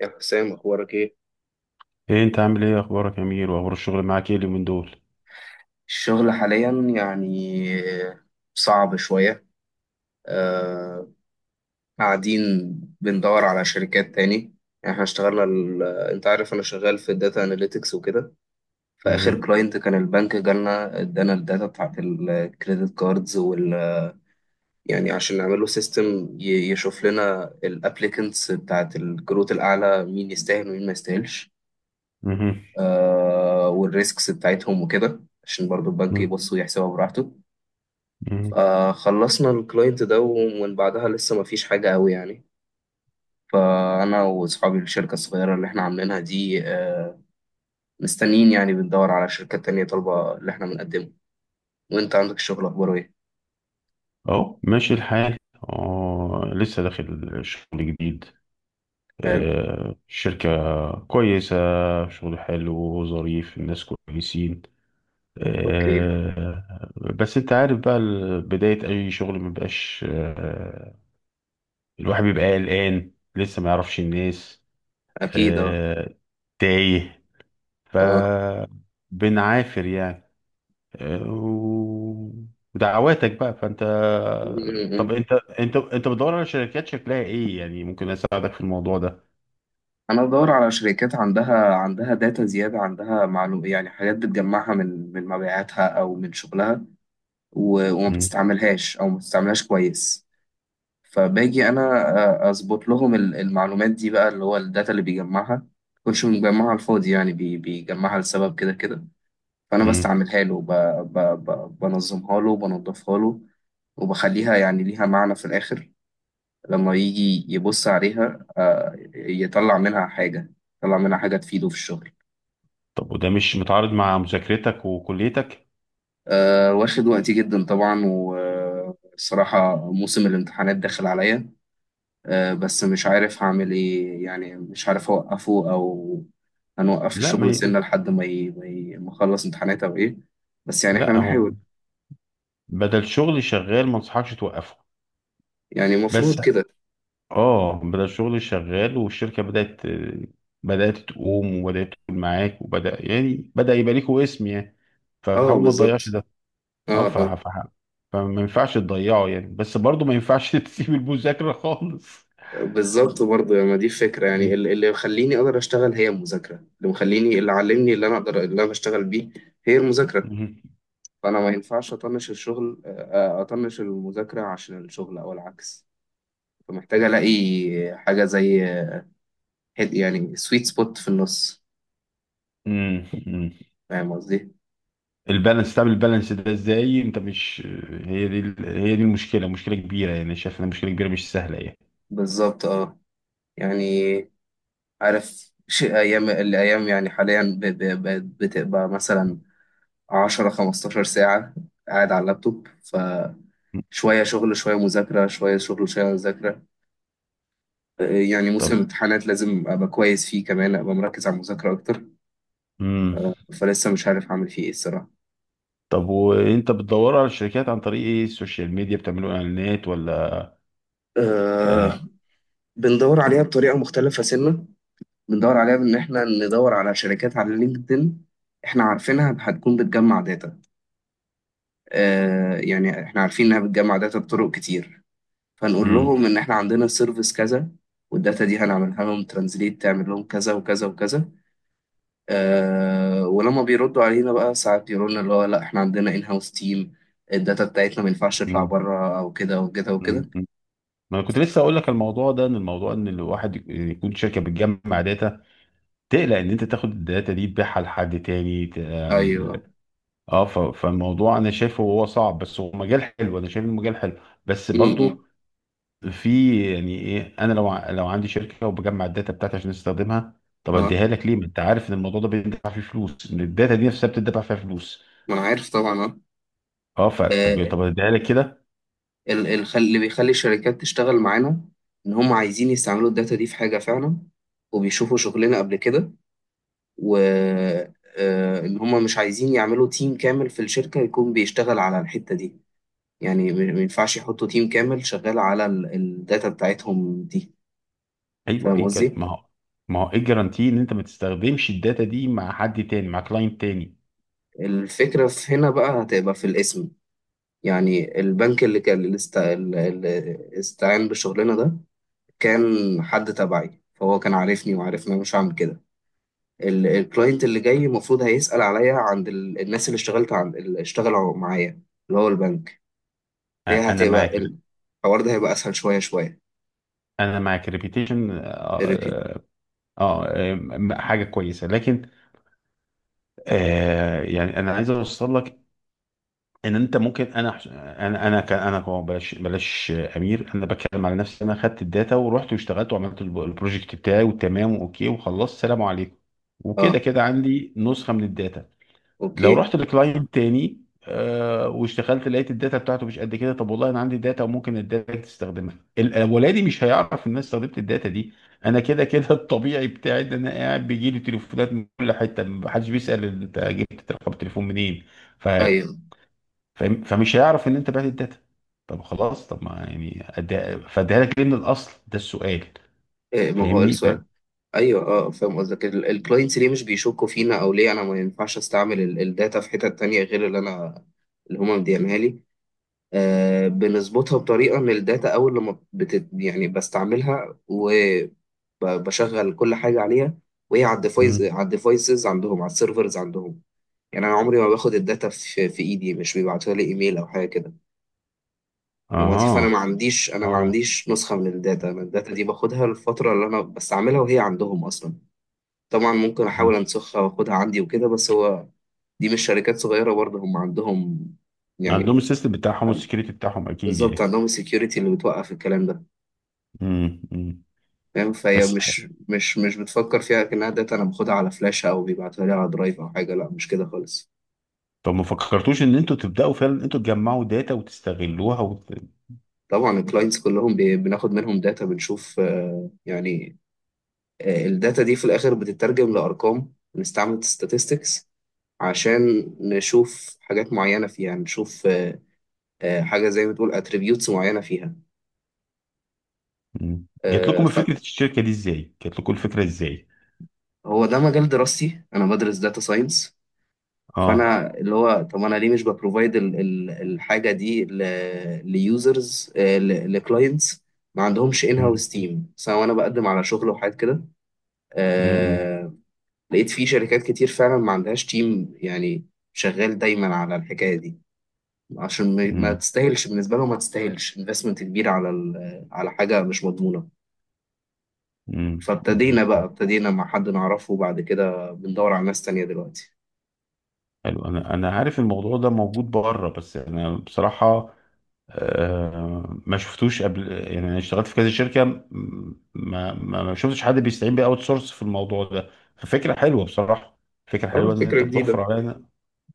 يا حسام، اخبارك ايه؟ ايه انت عامل ايه، اخبارك يا امير؟ واخبار الشغل معاك ايه اليومين دول؟ الشغل حاليا يعني صعب شوية. آه، قاعدين بندور على شركات تاني. يعني احنا اشتغلنا انت عارف انا شغال في الداتا اناليتكس وكده. فاخر مهم. كلاينت كان البنك، جالنا ادانا الداتا بتاعت الكريدت كاردز وال يعني عشان نعمل له سيستم يشوف لنا الابليكنتس بتاعت الكروت الاعلى، مين يستاهل ومين ما يستاهلش. مهم. آه، والريسكس بتاعتهم وكده عشان برضو البنك يبص ويحسبها براحته. مهم. آه، خلصنا الكلاينت ده، ومن بعدها لسه ما فيش حاجة قوي يعني. فأنا وأصحابي الشركة الصغيرة اللي إحنا عاملينها دي آه، مستنيين، يعني بندور على شركات تانية طالبة اللي إحنا بنقدمه. وأنت عندك الشغل أخباره إيه؟ اهو ماشي الحال. اه لسه داخل شغل جديد. حلو. آه شركة كويسة، شغل حلو وظريف، الناس كويسين. أوكي. آه. بس انت عارف بقى، بداية اي شغل مبقاش. الواحد بيبقى قلقان لسه ما يعرفش الناس. أكيد أه. آه. تايه. آه. فبنعافر يعني. و- ودعواتك بقى فانت. م- طب م. انت، انت بتدور على شركات شكلها ايه يعني؟ ممكن اساعدك في الموضوع ده. أنا بدور على شركات عندها داتا زيادة، عندها معلومة، يعني حاجات بتجمعها من مبيعاتها أو من شغلها، وما مم. بتستعملهاش أو ما بتستعملهاش كويس. فباجي انا آه، اظبط لهم المعلومات دي بقى، اللي هو الداتا اللي بيجمعها. مكنش مجمعها على الفاضي يعني، بيجمعها لسبب كده كده. فانا مم. بستعملها له، بنظمها له وبنضفها له، وبخليها يعني ليها معنى في الآخر. لما يجي يبص عليها آه، يطلع منها حاجة، يطلع منها حاجة تفيده في الشغل. طب وده مش متعارض مع مذاكرتك وكليتك؟ آه، واخد وقتي جدا طبعا، والصراحة موسم الامتحانات داخل عليا. آه، بس مش عارف هعمل ايه، يعني مش عارف اوقفه او هنوقف لا ما الشغل سنة هي... لحد ما اخلص امتحانات او ايه. بس يعني احنا لا هو، بنحاول. بدل شغل شغال ما انصحكش توقفه. يعني بس المفروض كده. اه، بدل شغل شغال، والشركة بدأت تقوم، وبدأت تقول معاك، وبدأ يعني بدأ يبقى ليكوا اسم يعني. اه فتحاول ما تضيعش بالظبط. ده. اه، اه اه. فما ينفعش تضيعه يعني، بس برضه ما ينفعش تسيب المذاكرة خالص. بالظبط، برضه ما دي فكرة. يعني اللي مخليني اقدر اشتغل هي المذاكرة، اللي مخليني، اللي علمني، اللي انا اقدر، اللي انا بشتغل بيه، هي المذاكرة. مم. فانا ما ينفعش اطنش الشغل آه، آه، اطنش المذاكرة عشان الشغل او العكس. فمحتاج الاقي حاجة زي يعني سويت سبوت في النص. مم. مم. فاهم قصدي؟ البالانس، تعمل البالانس ده ازاي؟ انت مش، هي دي المشكلة، مشكلة كبيرة يعني، شايف انها مشكلة كبيرة مش سهلة يعني. بالظبط اه. يعني عارف شيء ايام الايام، يعني حاليا بتبقى مثلا 10 15 ساعة قاعد على اللابتوب. ف شوية شغل شوية مذاكرة شوية شغل شوية مذاكرة. آه، يعني موسم طب. الامتحانات لازم أبقى كويس فيه، كمان أبقى مركز على المذاكرة أكتر. مم. فلسه مش عارف أعمل فيه إيه الصراحة. طب وانت بتدور على الشركات عن طريق ايه؟ السوشيال ميديا، بتعملوا اعلانات ولا؟ أه. آه. بندور عليها بطريقة مختلفة سنة. بندور عليها بإن إحنا ندور على شركات على لينكدإن إحنا عارفينها هتكون بتجمع داتا. آه، يعني احنا عارفين انها بتجمع داتا بطرق كتير، فنقول مم. لهم ان احنا عندنا السيرفيس كذا، والداتا دي هنعملها لهم ترانزليت، تعمل لهم كذا وكذا وكذا. آه، ولما بيردوا علينا بقى ساعات يقولوا لنا اللي هو لا احنا عندنا ان هاوس تيم، الداتا بتاعتنا ما ينفعش تطلع مم. بره او كده وكده مم. وكده. ما انا كنت لسه اقول لك الموضوع ده، ان الموضوع ان الواحد يكون شركه بتجمع داتا، تقلق إن أنت تاخد الداتا دي تبيعها لحد تاني، ت آمم، ايوه. آه، فالموضوع أنا شايفه هو صعب، بس هو مجال حلو، أنا شايف إنه مجال حلو، بس امم. برضه في، يعني إيه، أنا لو عندي شركة وباجمّع الداتا بتاعتي عشان أستخدمها، طب اه أدّيها لك ليه؟ ما أنت عارف إن الموضوع ده بيندفع فيه فلوس، إن الداتا دي نفسها بتدفع فيها فلوس. ما انا عارف طبعا. اه آه، آه، طب أدّيها لك كده؟ اللي بيخلي الشركات تشتغل معانا ان هم عايزين يستعملوا الداتا دي في حاجه فعلا، وبيشوفوا شغلنا قبل كده، و آه، ان هم مش عايزين يعملوا تيم كامل في الشركة يكون بيشتغل على الحتة دي. يعني ما ينفعش يحطوا تيم كامل شغال على الداتا بتاعتهم دي. أيوه، إيه فاهم الج قصدي؟ ما هو، ما هو إيه الجرانتي إن أنت ما تستخدمش الداتا دي مع حد تاني، مع client تاني؟ الفكرة في هنا بقى هتبقى في الاسم. يعني البنك اللي كان، اللي استعان بالشغلانة ده، كان حد تبعي، فهو كان عارفني وعارف ان انا مش هعمل كده. الكلاينت اللي جاي المفروض هيسأل عليا عند الناس اللي اشتغلت عند، اللي اشتغلوا معايا، اللي هو البنك. هي أ أنا مع هتبقى، كر الحوار ده هيبقى اسهل شويه شويه. أنا مع كريبيتيشن. الريبيت. اه حاجه كويسه لكن، آه، يعني انا عايز اوصل لك ان انت ممكن، انا انا انا ك- انا كو- بلاش بلاش امير، انا بتكلم على نفسي. انا خدت الداتا ورحت واشتغلت وعملت البروجكت بتاعي، وتمام واوكي وخلصت سلام عليكم. وكده اه. كده عندي نسخه من الداتا. لو اوكي. رحت لكلاينت تاني آه، واشتغلت لقيت الداتا بتاعته مش قد كده، طب والله انا عندي داتا وممكن الداتا تستخدمها، الاولاني مش هيعرف ان انا استخدمت الداتا دي. انا كده كده الطبيعي بتاعي ان انا قاعد بيجي لي تليفونات من كل حته، محدش بيسال انت جبت رقم التليفون منين. ف... ايوه. فمش هيعرف ان انت بعت الداتا. طب خلاص، طب ما يعني فاديها لك ليه من الاصل؟ ده السؤال. إيه، ما هو فاهمني؟ فاهم. السؤال. ايوه اه، فاهم قصدك. الكلاينتس ليه مش بيشكوا فينا، او ليه انا ما ينفعش استعمل الداتا في حتت تانية غير اللي انا، اللي هما مديانها لي. آه، بنظبطها بطريقه ان الداتا اول لما بت يعني بستعملها وبشغل كل حاجه عليها، وهي على الديفايس، مم. على الديفايسز عندهم، على السيرفرز عندهم. يعني انا عمري ما باخد الداتا في ايدي، مش بيبعتوها لي ايميل او حاجه كده. وظيفة أنا اها. ما عنديش، أنا ما اه. عنديش نسخة من الداتا. أنا الداتا دي باخدها للفترة اللي أنا بستعملها، وهي عندهم أصلا. طبعا ممكن مم. أحاول أنسخها وأخدها عندي وكده، بس هو دي مش شركات صغيرة برضه، هم عندهم عندهم يعني. السيستم بتاعهم والسكيورتي بتاعهم اكيد بالظبط، يعني. عندهم السكيورتي اللي بتوقف الكلام ده. امم. فاهم؟ فهي بس ح- مش بتفكر فيها كأنها داتا أنا باخدها على فلاشة أو بيبعتوها لي على درايف أو حاجة. لا، مش كده خالص. طب ما فكرتوش ان انتوا تبداوا فعلا انتوا تجمعوا داتا وتستغلوها طبعا الكلاينتس كلهم بناخد منهم داتا، بنشوف آه، يعني آه، الداتا دي في الآخر بتترجم لأرقام، بنستعمل statistics عشان نشوف حاجات معينة فيها. نشوف آه، آه، حاجة زي ما تقول اتريبيوتس معينة فيها. مم. جات آه، لكم فهو فكره الشركه دي ازاي؟ جات لكم الفكره ازاي؟ ده مجال دراستي، أنا بدرس داتا ساينس. اه. فأنا اللي هو طب أنا ليه مش ببروفايد الحاجة دي ليوزرز، لكلاينتس ما عندهمش ان مم. هاوس تيم، سواء انا بقدم على شغل وحاجات كده. مم. آه، لقيت في شركات كتير فعلا ما عندهاش تيم يعني شغال دايما على الحكاية دي، عشان ما مم. تستاهلش بالنسبه لهم، ما تستاهلش انفستمنت كبير على على حاجه مش مضمونه. مم. فابتدينا بقى، مم. ابتدينا مع حد نعرفه، وبعد كده بندور على ناس تانية دلوقتي. حلو. انا عارف الموضوع ده موجود بره، بس انا بصراحه آه ما شفتوش قبل يعني، انا اشتغلت في كذا شركه، ما شفتش حد بيستعين باوت سورس في الموضوع ده. ففكره حلوه بصراحه، فكره اه حلوه ان فكره انت بتوفر جديده. علينا.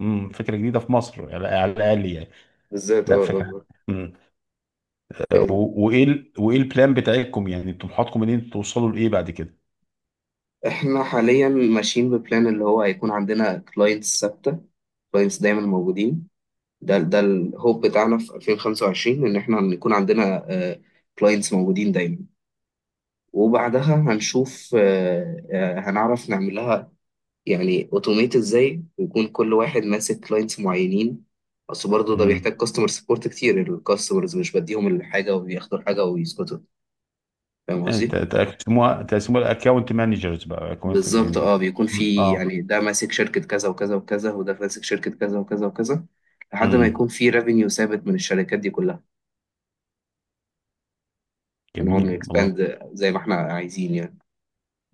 مم، فكره جديده في مصر على الاقل يعني. بالذات لا اه. فكرة. آه. امم. آه. وايه وايه البلان بتاعتكم؟ يعني طموحاتكم ان انتوا توصلوا لايه بعد كده؟ احنا حاليا ماشيين ببلان اللي هو هيكون عندنا كلاينتس ثابته، كلاينتس دايما موجودين. ده الهوب بتاعنا في 2025، ان احنا يكون عندنا كلاينتس موجودين دايما. وبعدها هنشوف آه، آه، هنعرف نعمل لها يعني اوتوميت ازاي، ويكون كل واحد ماسك كلاينتس معينين. اصل برضه ده امم. بيحتاج كاستمر سبورت كتير، الكاستمرز مش بديهم الحاجه وبياخدوا الحاجه ويسكتوا. فاهم يعني ت- قصدي؟ تقسموها تقسموها الاكونت مانجرز بقى، اكونت بالظبط يعني. اه. بيكون مم. في اه. يعني ده ماسك شركه كذا وكذا وكذا، وده ماسك شركه كذا وكذا وكذا، لحد ما يكون امم. في ريفينيو ثابت من الشركات دي كلها. ونقعد جميل والله. نكسباند زي ما احنا عايزين يعني.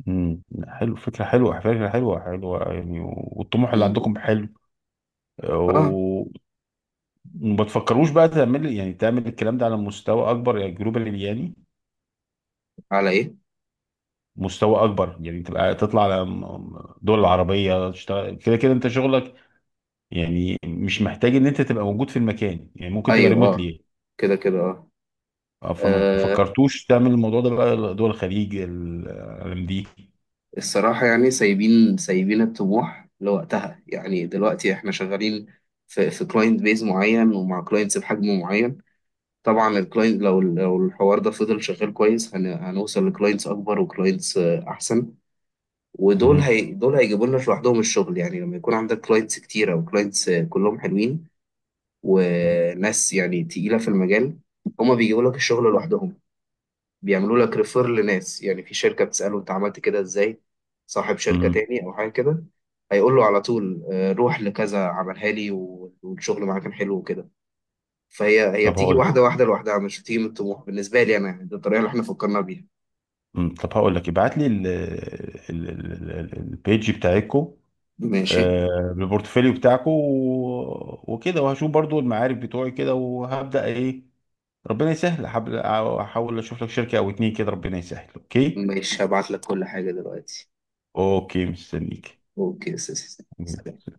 امم. حلو، فكرة حلوة، فكرة حلوة حلوة يعني، والطموح م- اللي م. عندكم حلو. اه. و- وما تفكروش بقى تعمل، يعني تعمل الكلام ده على مستوى اكبر يعني؟ جلوبال يعني على ايه؟ مستوى اكبر، يعني تبقى تطلع على دول العربية، تشتغل كده كده انت شغلك يعني، مش محتاج ان انت تبقى موجود في المكان، يعني ممكن تبقى ايوه اه، ريموتلي. كده كده اه. فما آه، فكرتوش تعمل الموضوع ده بقى دول الخليج، العالم دي؟ الصراحة يعني سايبين، سايبين الطموح لوقتها. يعني دلوقتي احنا شغالين في كلاينت بيز معين، ومع كلاينتس بحجم معين. طبعا الكلاينت لو الحوار ده فضل شغال كويس هنوصل لكلاينتس اكبر وكلاينتس احسن. ودول، مهم. هي دول هيجيبوا لنا لوحدهم الشغل. يعني لما يكون عندك كلاينتس كتيرة، وكلاينتس كلهم حلوين، وناس يعني تقيلة في المجال، هما بيجيبوا لك الشغل لوحدهم. بيعملوا لك ريفير لناس، يعني في شركة بتسأله انت عملت كده ازاي، صاحب شركة مهم. تاني او حاجة كده، هيقول له على طول آه، روح لكذا عملها لي والشغل معاه كان حلو وكده. فهي، هي طب بتيجي هقول، واحدة واحدة لوحدها، مش بتيجي من الطموح بالنسبة لي انا. يعني دي الطريقة اللي احنا فكرنا بيها. مم. طب هقول لك ابعت لي البيج بتاعتكم، ماشي. آه، البورتفوليو بتاعكم وكده، وهشوف برضو المعارف بتوعي كده، وهبدأ ايه، ربنا يسهل. أحاول اشوف لك شركة او اتنين كده، ربنا يسهل. اوكي. ماشي، هبعت لك كل حاجة دلوقتي. اوكي مستنيك. اوكي يا سيدي.